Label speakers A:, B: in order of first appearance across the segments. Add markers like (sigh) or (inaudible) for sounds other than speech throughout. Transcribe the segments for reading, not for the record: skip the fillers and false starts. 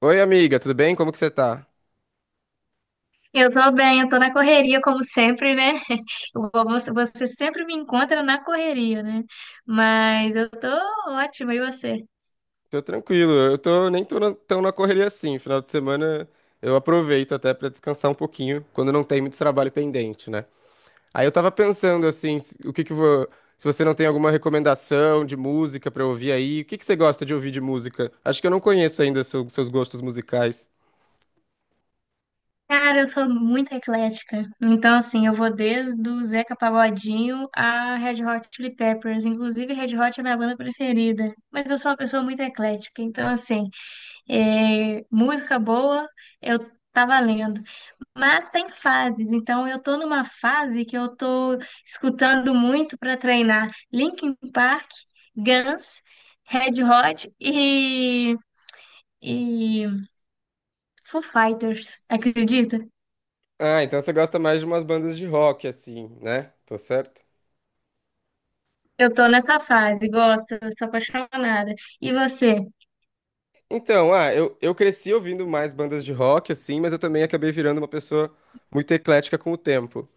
A: Oi, amiga, tudo bem? Como que você tá?
B: Eu tô bem, eu tô na correria como sempre, né? (laughs) Você sempre me encontra na correria, né? Mas eu tô ótima, e você?
A: Tô tranquilo, eu tô nem tô tão na correria assim. Final de semana eu aproveito até pra descansar um pouquinho, quando não tem muito trabalho pendente, né? Aí eu tava pensando assim, o que que eu vou, se você não tem alguma recomendação de música pra eu ouvir aí, o que que você gosta de ouvir de música? Acho que eu não conheço ainda seus gostos musicais.
B: Cara, eu sou muito eclética. Então, assim, eu vou desde o Zeca Pagodinho a Red Hot Chili Peppers. Inclusive, Red Hot é minha banda preferida. Mas eu sou uma pessoa muito eclética. Então, assim, é, música boa, eu tá valendo. Mas tem fases, então eu tô numa fase que eu tô escutando muito para treinar Linkin Park, Guns, Red Hot e Foo Fighters, acredita?
A: Ah, então você gosta mais de umas bandas de rock assim, né? Tô certo?
B: Eu tô nessa fase, gosto, eu sou apaixonada. E você?
A: Então, ah, eu cresci ouvindo mais bandas de rock, assim, mas eu também acabei virando uma pessoa muito eclética com o tempo.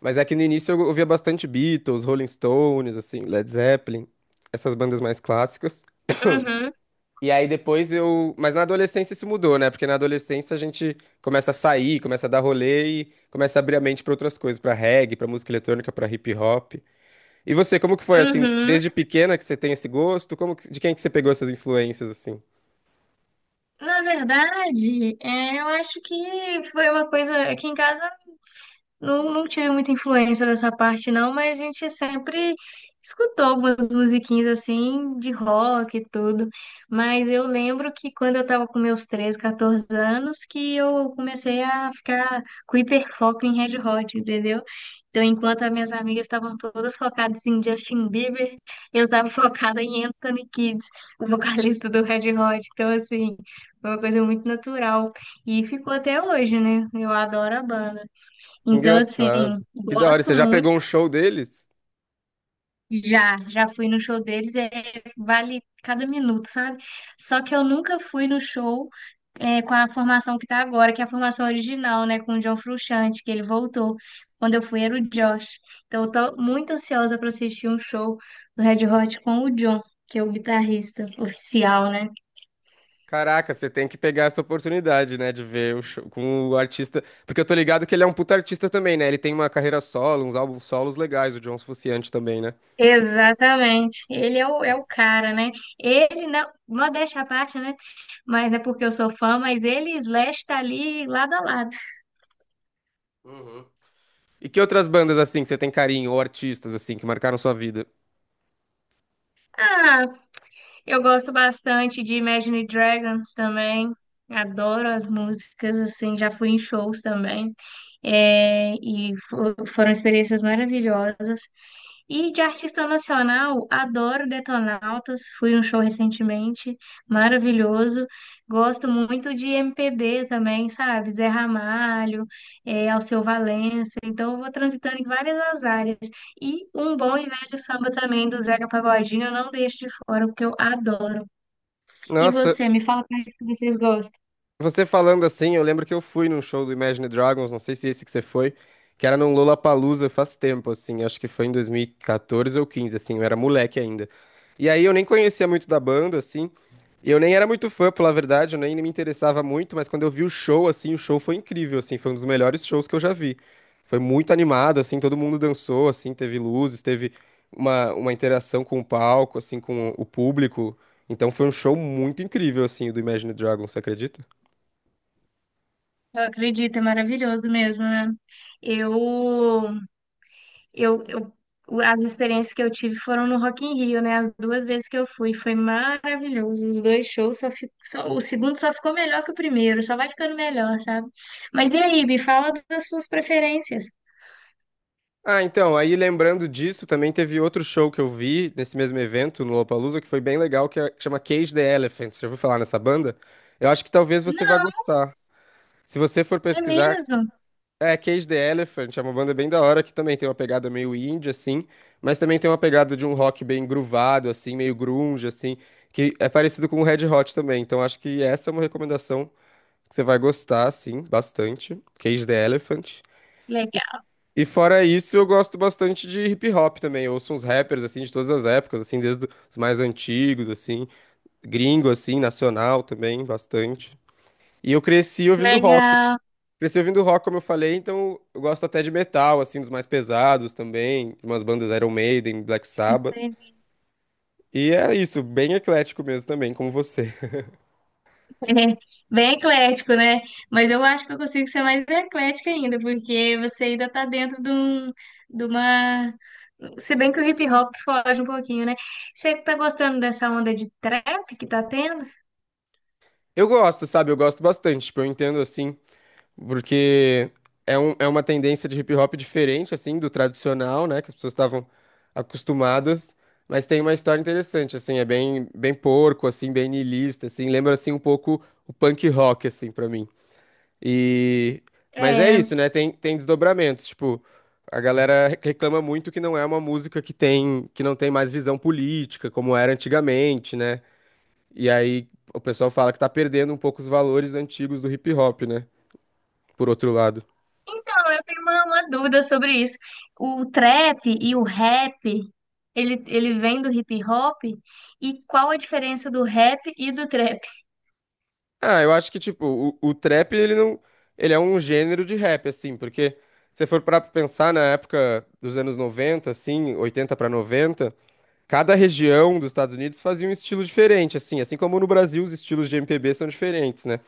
A: Mas é que no início eu ouvia bastante Beatles, Rolling Stones, assim, Led Zeppelin, essas bandas mais clássicas.
B: Uhum,
A: E aí depois eu. Mas na adolescência isso mudou, né? Porque na adolescência a gente começa a sair, começa a dar rolê e começa a abrir a mente pra outras coisas, pra reggae, pra música eletrônica, pra hip hop. E você, como que foi assim,
B: uhum.
A: desde pequena que você tem esse gosto? Como de quem que você pegou essas influências assim?
B: Na verdade, é, eu acho que foi uma coisa aqui em casa. Não, não tive muita influência dessa parte, não, mas a gente sempre escutou algumas musiquinhas assim de rock e tudo. Mas eu lembro que quando eu tava com meus 13 14 anos, que eu comecei a ficar com hiperfoco em Red Hot, entendeu? Então, enquanto as minhas amigas estavam todas focadas em Justin Bieber, eu tava (laughs) focada em Anthony Kidd, o vocalista do Red Hot. Então, assim, foi uma coisa muito natural. E ficou até hoje, né? Eu adoro a banda. Então, assim,
A: Engraçado. Que da hora. Você
B: gosto
A: já
B: muito.
A: pegou um show deles?
B: Já, já fui no show deles, é, vale cada minuto, sabe? Só que eu nunca fui no show é, com a formação que tá agora, que é a formação original, né? Com o John Frusciante, que ele voltou. Quando eu fui era o Josh. Então, eu tô muito ansiosa para assistir um show do Red Hot com o John, que é o guitarrista oficial, né?
A: Caraca, você tem que pegar essa oportunidade, né, de ver o show com o artista. Porque eu tô ligado que ele é um puta artista também, né? Ele tem uma carreira solo, uns álbuns solos legais, o John Frusciante também, né?
B: Exatamente. Ele é o cara, né? Ele, não, modéstia à parte, né? Mas não é porque eu sou fã, mas ele e Slash tá ali lado a lado.
A: Uhum. E que outras bandas, assim, que você tem carinho, ou artistas, assim, que marcaram sua vida?
B: Ah, eu gosto bastante de Imagine Dragons também. Adoro as músicas, assim, já fui em shows também. É, e foram experiências maravilhosas. E de artista nacional, adoro Detonautas, fui num show recentemente, maravilhoso. Gosto muito de MPB também, sabe? Zé Ramalho, eh, Alceu Valença. Então, eu vou transitando em várias as áreas. E um bom e velho samba também do Zeca Pagodinho, eu não deixo de fora, porque eu adoro. E
A: Nossa,
B: você, me fala quais que vocês gostam.
A: você falando assim, eu lembro que eu fui num show do Imagine Dragons, não sei se é esse que você foi, que era num Lollapalooza faz tempo, assim, acho que foi em 2014 ou 15, assim, eu era moleque ainda. E aí eu nem conhecia muito da banda, assim, e eu nem era muito fã, pela verdade, eu nem me interessava muito, mas quando eu vi o show, assim, o show foi incrível, assim, foi um dos melhores shows que eu já vi. Foi muito animado, assim, todo mundo dançou, assim, teve luzes, teve uma interação com o palco, assim, com o público. Então foi um show muito incrível, assim, o do Imagine Dragons, você acredita?
B: Eu acredito, é maravilhoso mesmo, né? Eu Eu, eu, as experiências que eu tive foram no Rock in Rio, né? As duas vezes que eu fui, foi maravilhoso. Os dois shows só, só o segundo só ficou melhor que o primeiro, só vai ficando melhor, sabe? Mas e aí, me fala das suas preferências.
A: Ah, então, aí lembrando disso, também teve outro show que eu vi nesse mesmo evento, no Lollapalooza, que foi bem legal, que chama Cage the Elephant. Você já ouviu falar nessa banda? Eu acho que talvez você vá
B: Não,
A: gostar. Se você for
B: é
A: pesquisar,
B: mesmo.
A: é Cage the Elephant, é uma banda bem da hora, que também tem uma pegada meio indie, assim, mas também tem uma pegada de um rock bem groovado, assim, meio grunge, assim, que é parecido com o Red Hot também. Então, acho que essa é uma recomendação que você vai gostar, assim, bastante. Cage the Elephant.
B: Legal,
A: E fora isso, eu gosto bastante de hip hop também. Eu ouço uns rappers assim de todas as épocas, assim, desde os mais antigos, assim, gringo assim, nacional também, bastante. E eu cresci ouvindo rock.
B: legal,
A: Cresci ouvindo rock, como eu falei, então eu gosto até de metal, assim, dos mais pesados também, de umas bandas Iron Maiden, Black Sabbath.
B: entendi.
A: E é isso, bem eclético mesmo também, como você.
B: É, bem eclético, né? Mas eu acho que eu consigo ser mais eclética ainda, porque você ainda tá dentro de uma. Se bem que o hip hop foge um pouquinho, né? Você tá gostando dessa onda de trap que tá tendo?
A: Eu gosto, sabe? Eu gosto bastante. Tipo, eu entendo assim. Porque é, um, é uma tendência de hip hop diferente, assim, do tradicional, né? Que as pessoas estavam acostumadas. Mas tem uma história interessante, assim, é bem, bem porco, assim, bem niilista, assim. Lembra, assim, um pouco o punk rock, assim, pra mim. E... Mas é
B: É.
A: isso, né? Tem desdobramentos, tipo... A galera reclama muito que não é uma música que não tem mais visão política, como era antigamente, né? E aí o pessoal fala que tá perdendo um pouco os valores antigos do hip hop, né? Por outro lado.
B: Então, eu tenho uma dúvida sobre isso. O trap e o rap, ele vem do hip hop? E qual a diferença do rap e do trap?
A: Ah, eu acho que, tipo, o trap, ele não. Ele é um gênero de rap, assim, porque se você for parar pra pensar na época dos anos 90 assim, 80 pra 90 cada região dos Estados Unidos fazia um estilo diferente, assim, assim como no Brasil os estilos de MPB são diferentes, né?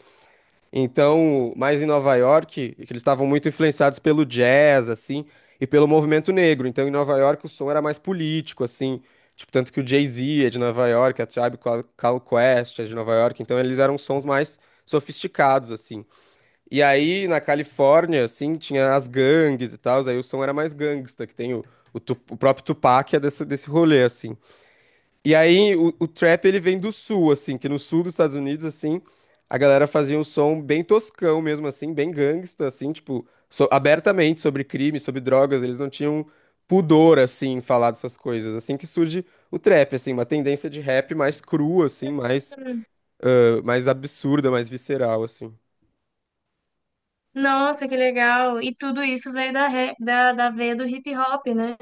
A: Então, mais em Nova York, que eles estavam muito influenciados pelo jazz, assim, e pelo movimento negro. Então, em Nova York, o som era mais político, assim. Tipo, tanto que o Jay-Z é de Nova York, a Tribe Called Quest é de Nova York. Então, eles eram sons mais sofisticados, assim. E aí, na Califórnia, assim, tinha as gangues e tal. Aí o som era mais gangsta, que tem o, o próprio Tupac é desse, desse rolê, assim. E aí o trap ele vem do sul, assim, que no sul dos Estados Unidos, assim, a galera fazia um som bem toscão mesmo, assim, bem gangsta, assim, tipo, abertamente sobre crime, sobre drogas, eles não tinham pudor, assim, em falar dessas coisas. Assim que surge o trap, assim, uma tendência de rap mais crua, assim, mais,
B: Hum.
A: mais absurda, mais visceral, assim.
B: Nossa, que legal! E tudo isso veio da veia do hip hop, né?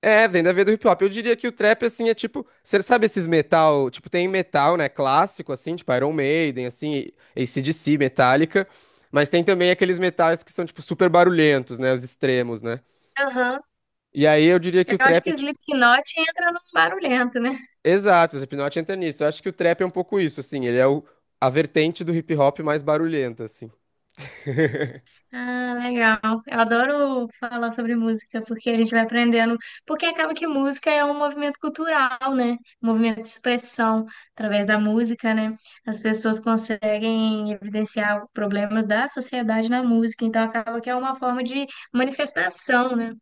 A: É, vem da veia do hip hop. Eu diria que o trap, assim, é tipo. Você sabe esses metal? Tipo, tem metal, né? Clássico, assim, tipo Iron Maiden, assim, AC/DC, Metallica. Mas tem também aqueles metais que são, tipo, super barulhentos, né? Os extremos, né?
B: Aham.
A: E aí eu diria que
B: Eu
A: o
B: acho
A: trap
B: que
A: é, tipo.
B: Slipknot entra num barulhento, né?
A: Exato, o Slipknot entra nisso. Eu acho que o trap é um pouco isso, assim. Ele é o... a vertente do hip hop mais barulhenta, assim.
B: Ah, legal. Eu adoro falar sobre música, porque a gente vai aprendendo. Porque acaba que música é um movimento cultural, né? Um movimento de expressão através da música, né? As pessoas conseguem evidenciar problemas da sociedade na música, então acaba que é uma forma de manifestação, né?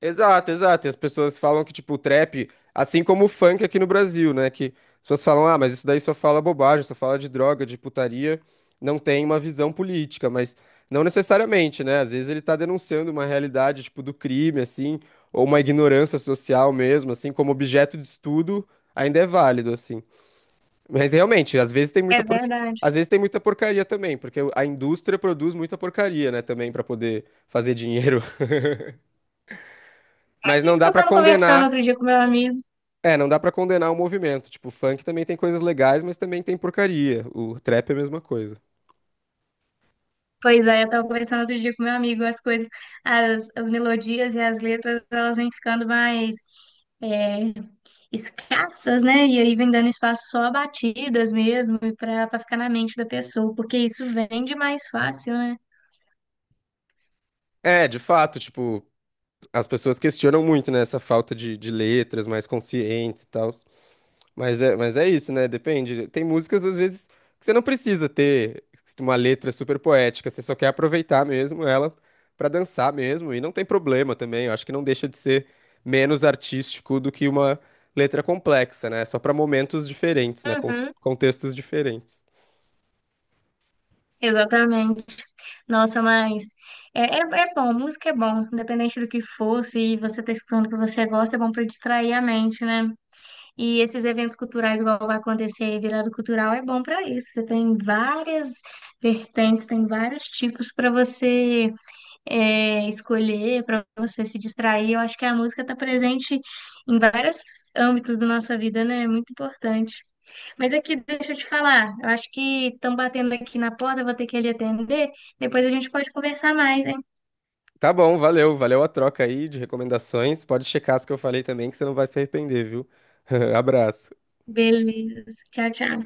A: Exato, exato. E as pessoas falam que, tipo, o trap, assim como o funk aqui no Brasil, né? Que as pessoas falam, ah, mas isso daí só fala bobagem, só fala de droga, de putaria, não tem uma visão política, mas não necessariamente, né? Às vezes ele tá denunciando uma realidade, tipo, do crime, assim, ou uma ignorância social mesmo, assim, como objeto de estudo, ainda é válido, assim. Mas realmente,
B: É verdade.
A: às vezes tem muita porcaria também, porque a indústria produz muita porcaria, né, também, pra poder fazer dinheiro. (laughs)
B: É
A: Mas não
B: isso que
A: dá
B: eu
A: pra
B: estava conversando outro
A: condenar
B: dia com meu amigo.
A: É, não dá pra condenar o movimento. Tipo, o funk também tem coisas legais, mas também tem porcaria. O trap é a mesma coisa.
B: Pois é, eu tava conversando outro dia com meu amigo, as coisas, as melodias e as letras, elas vêm ficando mais é, escassas, né? E aí vem dando espaço só a batidas mesmo, e pra ficar na mente da pessoa, porque isso vende mais fácil, né?
A: É, de fato, tipo, as pessoas questionam muito, né, essa falta de letras mais conscientes e tal. Mas é isso, né? Depende. Tem músicas, às vezes, que você não precisa ter uma letra super poética, você só quer aproveitar mesmo ela pra dançar mesmo. E não tem problema também. Eu acho que não deixa de ser menos artístico do que uma letra complexa, né? Só pra momentos diferentes, né? Com
B: Uhum.
A: contextos diferentes.
B: Exatamente. Nossa, mas é bom, música é bom, independente do que for, se você tá escutando o que você gosta, é bom pra distrair a mente, né? E esses eventos culturais, igual vai acontecer aí, virada cultural, é bom para isso. Você tem várias vertentes, tem vários tipos para você escolher, para você se distrair. Eu acho que a música está presente em vários âmbitos da nossa vida, né? É muito importante. Mas aqui, deixa eu te falar, eu acho que estão batendo aqui na porta, eu vou ter que ali atender. Depois a gente pode conversar mais, hein?
A: Tá bom, valeu, valeu a troca aí de recomendações. Pode checar as que eu falei também, que você não vai se arrepender, viu? (laughs) Abraço.
B: Beleza. Tchau, tchau.